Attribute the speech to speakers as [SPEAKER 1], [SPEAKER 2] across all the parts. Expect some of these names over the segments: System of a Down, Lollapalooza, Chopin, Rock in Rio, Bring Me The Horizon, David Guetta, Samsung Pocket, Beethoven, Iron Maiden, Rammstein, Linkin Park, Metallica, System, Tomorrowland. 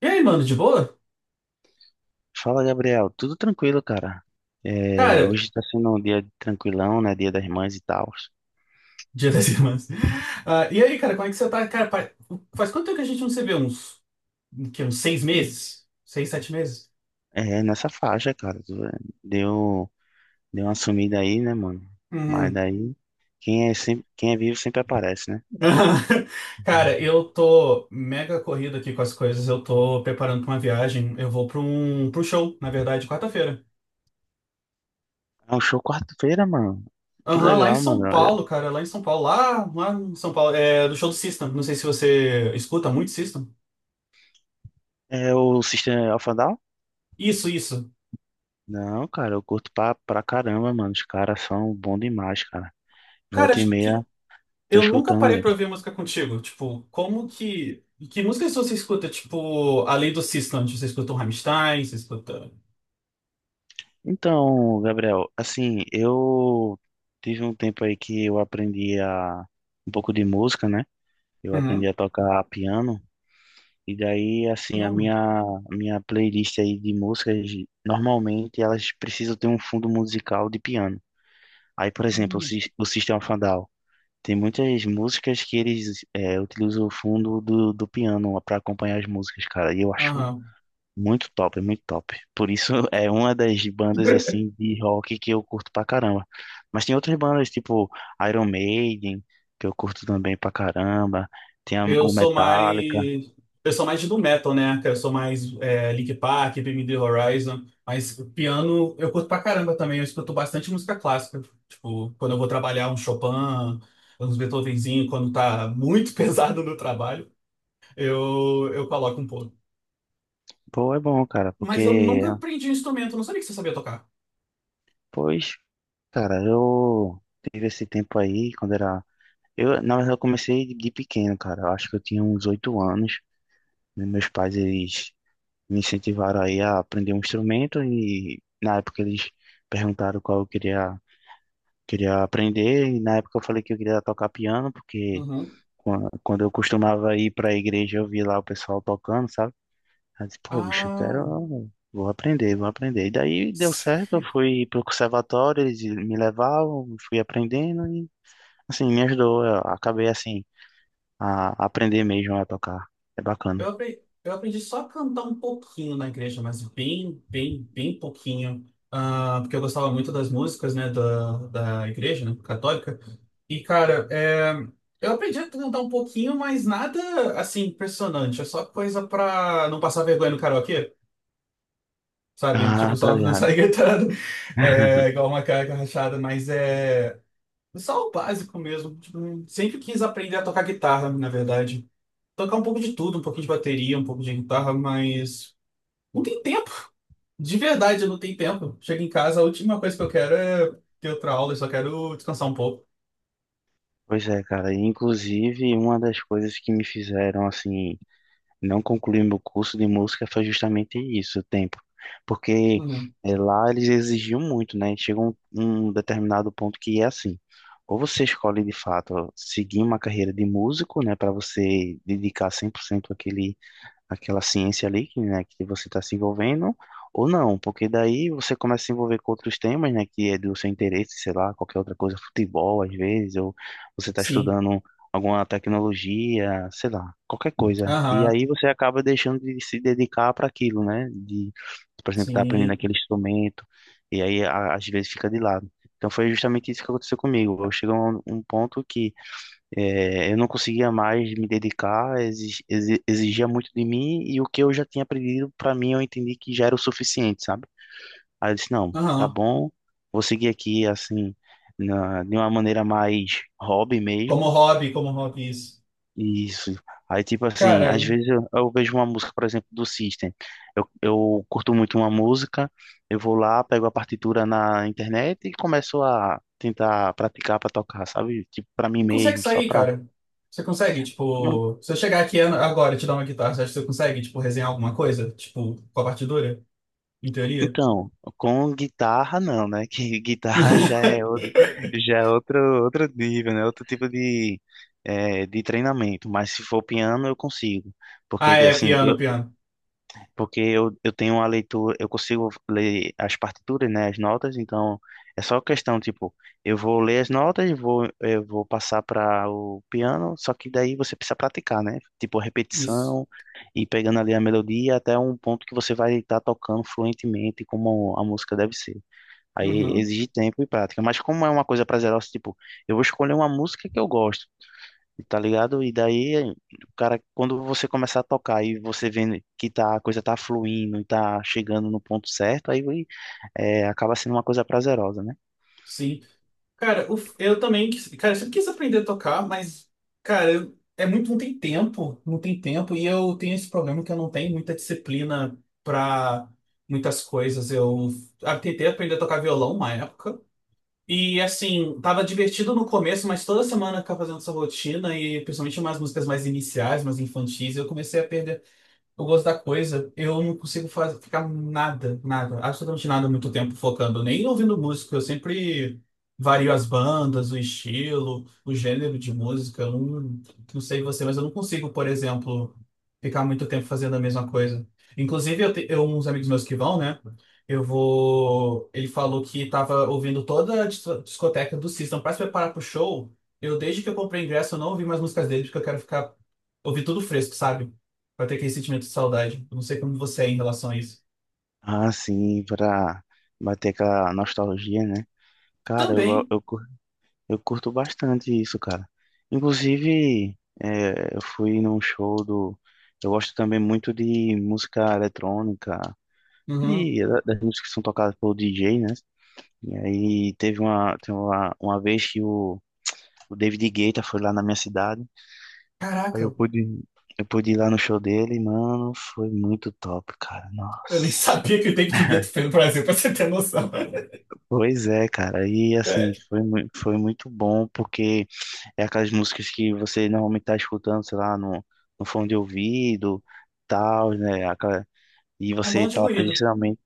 [SPEAKER 1] E aí, mano, de boa?
[SPEAKER 2] Fala, Gabriel. Tudo tranquilo, cara. É,
[SPEAKER 1] Cara,
[SPEAKER 2] hoje tá sendo um dia tranquilão, né? Dia das Mães e tal.
[SPEAKER 1] Dia das Irmãs. Ah, e aí, cara, como é que você tá? Cara, faz quanto tempo que a gente não se vê? Uns seis meses? Seis, sete meses?
[SPEAKER 2] É, nessa faixa, cara. Deu, deu uma sumida aí, né, mano? Mas
[SPEAKER 1] Uhum.
[SPEAKER 2] daí, quem é, sempre, quem é vivo sempre aparece, né?
[SPEAKER 1] Cara, eu tô mega corrido aqui com as coisas. Eu tô preparando pra uma viagem. Eu vou pra pro show, na verdade, quarta-feira.
[SPEAKER 2] É um show quarta-feira, mano. Que
[SPEAKER 1] Aham, lá em
[SPEAKER 2] legal, mano.
[SPEAKER 1] São Paulo, cara, lá em São Paulo. Lá em São Paulo. É do show do System. Não sei se você escuta muito System.
[SPEAKER 2] É o System of a Down?
[SPEAKER 1] Isso, isso.
[SPEAKER 2] Não, cara, eu curto pra caramba, mano. Os caras são bons demais, cara.
[SPEAKER 1] Cara,
[SPEAKER 2] Volta e
[SPEAKER 1] acho que
[SPEAKER 2] meia, tô
[SPEAKER 1] eu nunca
[SPEAKER 2] escutando
[SPEAKER 1] parei pra
[SPEAKER 2] eles.
[SPEAKER 1] ouvir música contigo. Tipo, como que. Que músicas você escuta? Tipo, além do System, você escuta um Rammstein, você escuta.
[SPEAKER 2] Então, Gabriel, assim, eu tive um tempo aí que eu aprendi a um pouco de música, né? Eu aprendi
[SPEAKER 1] Uhum.
[SPEAKER 2] a tocar piano e daí, assim, a
[SPEAKER 1] Piano?
[SPEAKER 2] minha playlist aí de músicas, normalmente elas precisam ter um fundo musical de piano. Aí, por exemplo, o,
[SPEAKER 1] Hum.
[SPEAKER 2] O System of a Down tem muitas músicas que eles utilizam o fundo do, do piano para acompanhar as músicas, cara. E eu acho
[SPEAKER 1] Aham.
[SPEAKER 2] muito top, muito top. Por isso é uma das bandas assim de rock que eu curto pra caramba. Mas tem outras bandas tipo Iron Maiden, que eu curto também pra caramba. Tem
[SPEAKER 1] Eu
[SPEAKER 2] o
[SPEAKER 1] sou
[SPEAKER 2] Metallica.
[SPEAKER 1] mais. Eu sou mais do metal, né? Eu sou mais Linkin Park, Bring Me The Horizon. Mas piano eu curto pra caramba também. Eu escuto bastante música clássica. Tipo, quando eu vou trabalhar um Chopin, uns Beethovenzinho, quando tá muito pesado no trabalho, eu coloco um pouco.
[SPEAKER 2] Pô, é bom, cara,
[SPEAKER 1] Mas eu
[SPEAKER 2] porque
[SPEAKER 1] nunca aprendi um instrumento, eu não sabia que você sabia tocar.
[SPEAKER 2] pois, cara, eu tive esse tempo aí quando era eu, na verdade, eu comecei de pequeno, cara. Eu acho que eu tinha uns oito anos. E meus pais eles me incentivaram aí a aprender um instrumento e na época eles perguntaram qual eu queria queria aprender e na época eu falei que eu queria tocar piano porque
[SPEAKER 1] Uhum.
[SPEAKER 2] quando eu costumava ir para a igreja eu via lá o pessoal tocando, sabe? Aí eu disse, pô, bicho, eu
[SPEAKER 1] Ah,
[SPEAKER 2] quero, vou aprender, vou aprender. E daí deu certo, eu fui pro conservatório, eles me levavam, fui aprendendo e assim me ajudou, eu acabei assim a aprender mesmo a tocar. É
[SPEAKER 1] eu
[SPEAKER 2] bacana.
[SPEAKER 1] aprendi, eu aprendi só a cantar um pouquinho na igreja, mas bem, bem, bem pouquinho. Ah, porque eu gostava muito das músicas, né, da igreja, né, católica. E, cara, é, eu aprendi a cantar um pouquinho, mas nada assim impressionante. É só coisa pra não passar vergonha no karaokê, sabe? Tipo,
[SPEAKER 2] Ah, tá
[SPEAKER 1] só não
[SPEAKER 2] ligado.
[SPEAKER 1] sair gritando, é, igual uma cara rachada, mas é só o básico mesmo. Tipo, sempre quis aprender a tocar guitarra, na verdade. Tocar um pouco de tudo, um pouquinho de bateria, um pouco de guitarra, mas não tem tempo. De verdade, eu não tenho tempo. Chego em casa, a última coisa que eu quero é ter outra aula, eu só quero descansar um pouco.
[SPEAKER 2] Pois é, cara. E, inclusive, uma das coisas que me fizeram assim não concluir meu curso de música foi justamente isso, o tempo. Porque
[SPEAKER 1] Uhum.
[SPEAKER 2] lá eles exigiam muito, né? Chega um, um determinado ponto que é assim, ou você escolhe de fato seguir uma carreira de músico, né, para você dedicar 100% àquele aquela ciência ali que, né, que você está se envolvendo, ou não, porque daí você começa a se envolver com outros temas, né, que é do seu interesse, sei lá, qualquer outra coisa, futebol às vezes, ou você está
[SPEAKER 1] Sim.
[SPEAKER 2] estudando alguma tecnologia, sei lá, qualquer coisa. E
[SPEAKER 1] Aham,
[SPEAKER 2] aí você acaba deixando de se dedicar para aquilo, né, de, por exemplo, estar aprendendo
[SPEAKER 1] sim.
[SPEAKER 2] aquele instrumento, e aí às vezes fica de lado. Então foi justamente isso que aconteceu comigo. Eu cheguei a um, um ponto que é, eu não conseguia mais me dedicar, exigia muito de mim e o que eu já tinha aprendido, para mim, eu entendi que já era o suficiente, sabe? Aí eu disse: não, tá
[SPEAKER 1] Aham.
[SPEAKER 2] bom, vou seguir aqui assim, de uma maneira mais hobby mesmo.
[SPEAKER 1] Como hobby, isso.
[SPEAKER 2] E isso. Aí, tipo assim,
[SPEAKER 1] Cara,
[SPEAKER 2] às vezes eu vejo uma música, por exemplo, do System. Eu curto muito uma música, eu vou lá, pego a partitura na internet e começo a tentar praticar para tocar, sabe? Tipo, para mim
[SPEAKER 1] e consegue
[SPEAKER 2] mesmo, só
[SPEAKER 1] sair,
[SPEAKER 2] para.
[SPEAKER 1] cara? Você consegue, tipo, se eu chegar aqui agora e te dar uma guitarra, você acha que você consegue, tipo, resenhar alguma coisa? Tipo, com a partitura, em teoria?
[SPEAKER 2] Então, com guitarra não, né? Que guitarra já é outro, outro nível, né? Outro tipo de, de treinamento. Mas se for piano, eu consigo.
[SPEAKER 1] Ah,
[SPEAKER 2] Porque,
[SPEAKER 1] é,
[SPEAKER 2] assim,
[SPEAKER 1] piano,
[SPEAKER 2] eu
[SPEAKER 1] piano.
[SPEAKER 2] porque eu tenho uma leitura, eu consigo ler as partituras, né, as notas, então é só questão, tipo, eu vou ler as notas, vou, eu vou passar para o piano, só que daí você precisa praticar, né? Tipo,
[SPEAKER 1] Isso.
[SPEAKER 2] repetição e pegando ali a melodia até um ponto que você vai estar tocando fluentemente como a música deve ser. Aí
[SPEAKER 1] Uhum.
[SPEAKER 2] exige tempo e prática, mas como é uma coisa prazerosa, tipo, eu vou escolher uma música que eu gosto, tá ligado? E daí, cara, quando você começar a tocar e você vendo que tá, a coisa tá fluindo e tá chegando no ponto certo, aí é, acaba sendo uma coisa prazerosa, né?
[SPEAKER 1] Sim. Cara, o f- eu também, quis- cara, eu sempre quis aprender a tocar, mas, é muito, não tem tempo, não tem tempo, e eu tenho esse problema que eu não tenho muita disciplina pra muitas coisas. Eu tentei aprender a tocar violão uma época, e assim, tava divertido no começo, mas toda semana eu ficava fazendo essa rotina, e principalmente umas músicas mais iniciais, mais infantis, eu comecei a perder. Eu gosto da coisa, eu não consigo ficar nada, nada, absolutamente nada muito tempo focando, nem ouvindo música. Eu sempre vario as bandas, o estilo, o gênero de música. Eu não, não sei você, mas eu não consigo, por exemplo, ficar muito tempo fazendo a mesma coisa. Inclusive, uns amigos meus que vão, né? Eu vou. Ele falou que tava ouvindo toda a discoteca do System para se preparar pro show. Eu, desde que eu comprei ingresso, eu não ouvi mais músicas dele, porque eu quero ficar. Ouvir tudo fresco, sabe? Vai ter aquele sentimento de saudade. Eu não sei como você é em relação a isso.
[SPEAKER 2] Ah, sim, pra bater aquela nostalgia, né? Cara,
[SPEAKER 1] Também.
[SPEAKER 2] eu curto bastante isso, cara. Inclusive, é, eu fui num show do. Eu gosto também muito de música eletrônica,
[SPEAKER 1] Uhum.
[SPEAKER 2] e das músicas que são tocadas pelo DJ, né? E aí teve uma vez que o David Guetta foi lá na minha cidade. Aí
[SPEAKER 1] Caraca,
[SPEAKER 2] eu pude ir lá no show dele, e, mano, foi muito top, cara.
[SPEAKER 1] eu nem
[SPEAKER 2] Nossa.
[SPEAKER 1] sabia que o tempo de gueto foi no Brasil, pra você ter noção.
[SPEAKER 2] Pois é, cara. E assim,
[SPEAKER 1] É.
[SPEAKER 2] foi, foi muito bom, porque é aquelas músicas que você normalmente tá escutando, sei lá, no, no fone de ouvido, tal, né? Aquela- e
[SPEAKER 1] Um bom
[SPEAKER 2] você
[SPEAKER 1] de
[SPEAKER 2] tá lá
[SPEAKER 1] ruído.
[SPEAKER 2] presencialmente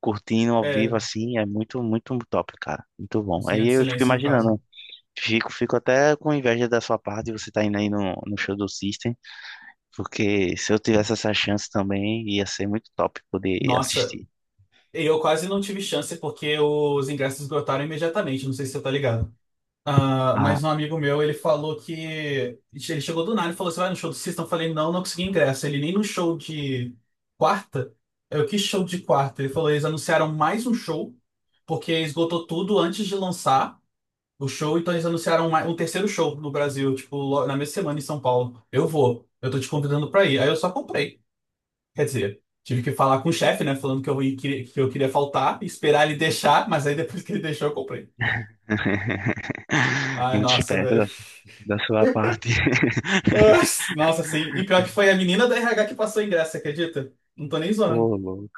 [SPEAKER 2] curtindo ao
[SPEAKER 1] É,
[SPEAKER 2] vivo, assim, é muito, muito top, cara. Muito bom.
[SPEAKER 1] assim, é
[SPEAKER 2] Aí
[SPEAKER 1] de
[SPEAKER 2] eu fico
[SPEAKER 1] silêncio, no caso.
[SPEAKER 2] imaginando, fico, fico até com inveja da sua parte, você tá indo aí no, no show do System. Porque se eu tivesse essa chance também, ia ser muito top poder
[SPEAKER 1] Nossa,
[SPEAKER 2] assistir.
[SPEAKER 1] eu quase não tive chance porque os ingressos esgotaram imediatamente. Não sei se você tá ligado. Ah,
[SPEAKER 2] Ah.
[SPEAKER 1] mas um amigo meu, ele falou que. Ele chegou do nada e falou: Você vai no show do System? Eu falei: Não, não consegui ingresso. Ele nem no show de quarta. Eu, que show de quarta? Ele falou: Eles anunciaram mais um show, porque esgotou tudo antes de lançar o show, então eles anunciaram mais, um terceiro show no Brasil, tipo, na mesma semana em São Paulo. Eu vou, eu tô te convidando pra ir. Aí eu só comprei. Quer dizer, tive que falar com o chefe, né, falando que que eu queria faltar, esperar ele deixar, mas aí depois que ele deixou, eu comprei. Ai,
[SPEAKER 2] Muito
[SPEAKER 1] nossa,
[SPEAKER 2] esperto da,
[SPEAKER 1] velho.
[SPEAKER 2] da sua parte.
[SPEAKER 1] Ah, nossa, sim. E pior que foi a menina da RH que passou o ingresso, você acredita? Não tô nem zoando.
[SPEAKER 2] Ô, louco.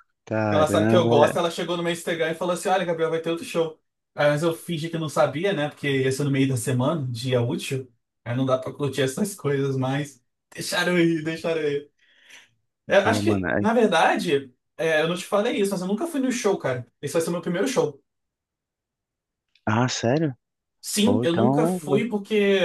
[SPEAKER 1] Ela sabe que eu gosto,
[SPEAKER 2] Caramba.
[SPEAKER 1] ela chegou no meu Instagram e falou assim: Olha, Gabriel, vai ter outro show. Aí, mas eu fingi que não sabia, né? Porque ia ser no meio da semana, dia útil. Aí não dá pra curtir essas coisas, mas deixaram eu ir. É,
[SPEAKER 2] Pô,
[SPEAKER 1] acho
[SPEAKER 2] mano.
[SPEAKER 1] que, na
[SPEAKER 2] É-
[SPEAKER 1] verdade, é, eu não te falei isso, mas eu nunca fui no show, cara. Esse vai ser o meu primeiro show.
[SPEAKER 2] Ah, sério?
[SPEAKER 1] Sim,
[SPEAKER 2] Pô,
[SPEAKER 1] eu nunca
[SPEAKER 2] então.
[SPEAKER 1] fui porque,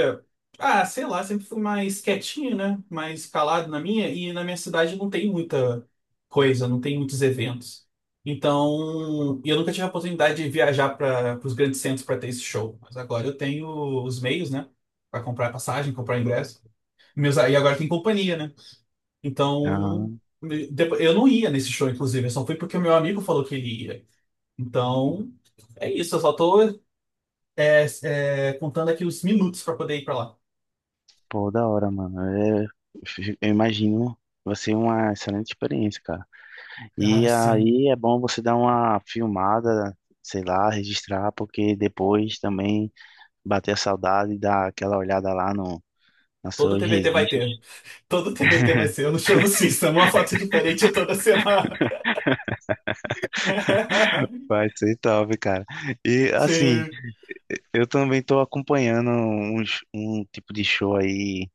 [SPEAKER 1] ah, sei lá, sempre fui mais quietinho, né? Mais calado na minha, e na minha cidade não tem muita coisa, não tem muitos eventos. Então, e eu nunca tive a oportunidade de viajar para os grandes centros para ter esse show. Mas agora eu tenho os meios, né? Para comprar passagem, comprar ingresso. Meus, e agora tem companhia, né? Então,
[SPEAKER 2] Ah,
[SPEAKER 1] eu não ia nesse show, inclusive, eu só fui porque o meu amigo falou que ele ia. Então, é isso, eu só tô contando aqui os minutos pra poder ir pra lá.
[SPEAKER 2] pô, da hora, mano. Eu imagino. Vai ser uma excelente experiência, cara.
[SPEAKER 1] Cara,
[SPEAKER 2] E
[SPEAKER 1] sim.
[SPEAKER 2] aí é bom você dar uma filmada, sei lá, registrar, porque depois também. Bater a saudade, dar aquela olhada lá no, nos
[SPEAKER 1] Todo
[SPEAKER 2] seus
[SPEAKER 1] TBT vai ter.
[SPEAKER 2] registros.
[SPEAKER 1] Todo TBT vai ser. Eu não chamo System, uma foto diferente toda semana.
[SPEAKER 2] Vai ser top, cara. E assim,
[SPEAKER 1] Sim.
[SPEAKER 2] eu também tô acompanhando uns, um tipo de show aí,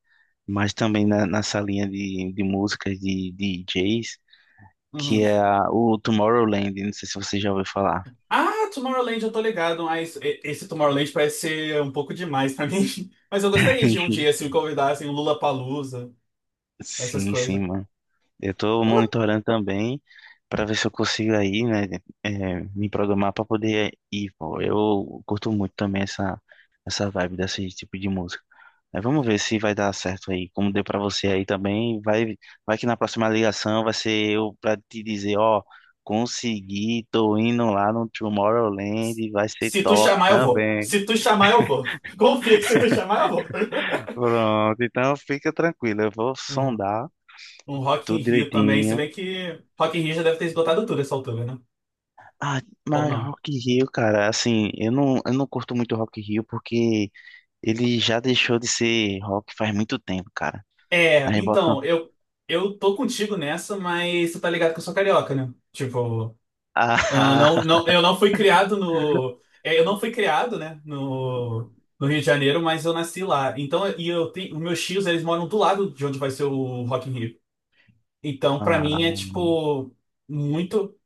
[SPEAKER 2] mas também na, nessa linha de músicas de DJs, que é
[SPEAKER 1] Uhum.
[SPEAKER 2] o Tomorrowland. Não sei se você já ouviu falar.
[SPEAKER 1] Ah, Tomorrowland, eu tô ligado, mas esse Tomorrowland parece ser um pouco demais pra mim. Mas eu gostaria de um dia, se me convidassem, um Lollapalooza, essas
[SPEAKER 2] Sim, sim,
[SPEAKER 1] coisas.
[SPEAKER 2] mano. Eu tô
[SPEAKER 1] Lula...
[SPEAKER 2] monitorando também para ver se eu consigo aí, né, é, me programar para poder ir, pô. Eu curto muito também essa essa vibe desse tipo de música. Aí vamos ver se vai dar certo aí, como deu pra você aí também. Vai, vai que na próxima ligação vai ser eu pra te dizer, ó, consegui, tô indo lá no Tomorrowland, vai ser
[SPEAKER 1] Se tu
[SPEAKER 2] top
[SPEAKER 1] chamar, eu vou.
[SPEAKER 2] também.
[SPEAKER 1] Se tu chamar, eu vou. Confia que se tu chamar, eu vou.
[SPEAKER 2] Pronto, então fica tranquilo, eu vou
[SPEAKER 1] Um,
[SPEAKER 2] sondar
[SPEAKER 1] um Rock in
[SPEAKER 2] tudo
[SPEAKER 1] Rio também, se
[SPEAKER 2] direitinho.
[SPEAKER 1] bem que Rock in Rio já deve ter esgotado tudo essa altura, né?
[SPEAKER 2] Ah,
[SPEAKER 1] Ou
[SPEAKER 2] mas
[SPEAKER 1] não?
[SPEAKER 2] Rock in Rio, cara, assim, eu não curto muito Rock in Rio porque ele já deixou de ser rock faz muito tempo, cara.
[SPEAKER 1] É,
[SPEAKER 2] Aí botam.
[SPEAKER 1] então, eu tô contigo nessa, mas você tá ligado que eu sou carioca, né? Tipo, ah, não,
[SPEAKER 2] Ah,
[SPEAKER 1] não, eu não fui criado no. É, eu não fui criado, né? No, no Rio de Janeiro, mas eu nasci lá. Então, e eu tenho. Os meus tios, eles moram do lado de onde vai ser o Rock in Rio. Então, pra mim, é
[SPEAKER 2] ah,
[SPEAKER 1] tipo. Muito.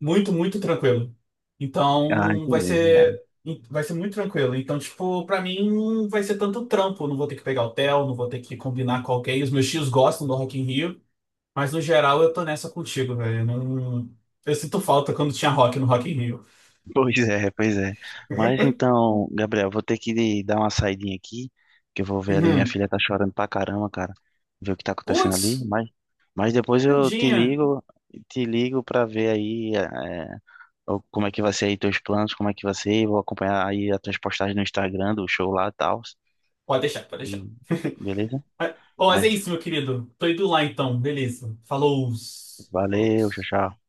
[SPEAKER 1] Muito, muito tranquilo.
[SPEAKER 2] ah,
[SPEAKER 1] Então,
[SPEAKER 2] entendi. Né?
[SPEAKER 1] vai ser muito tranquilo. Então, tipo, pra mim não vai ser tanto trampo. Eu não vou ter que pegar hotel, não vou ter que combinar com alguém. Os meus tios gostam do Rock in Rio, mas no geral eu tô nessa contigo, velho. Eu não... Eu sinto falta quando tinha rock no Rock in Rio.
[SPEAKER 2] Pois é, pois é. Mas então, Gabriel, vou ter que dar uma saidinha aqui, que eu vou ver ali, minha
[SPEAKER 1] Uhum.
[SPEAKER 2] filha tá chorando pra caramba, cara. Ver o que tá acontecendo ali,
[SPEAKER 1] Putz,
[SPEAKER 2] mas depois eu
[SPEAKER 1] tadinha.
[SPEAKER 2] te ligo pra ver aí é, o- como é que vai ser aí teus planos, como é que vai ser, vou acompanhar aí as tuas postagens no Instagram, do show lá e tal.
[SPEAKER 1] Pode deixar, pode deixar.
[SPEAKER 2] E- Beleza?
[SPEAKER 1] Bom, mas é
[SPEAKER 2] Mas
[SPEAKER 1] isso, meu querido. Tô indo lá então, beleza. Falou. Falou.
[SPEAKER 2] valeu, tchau, tchau.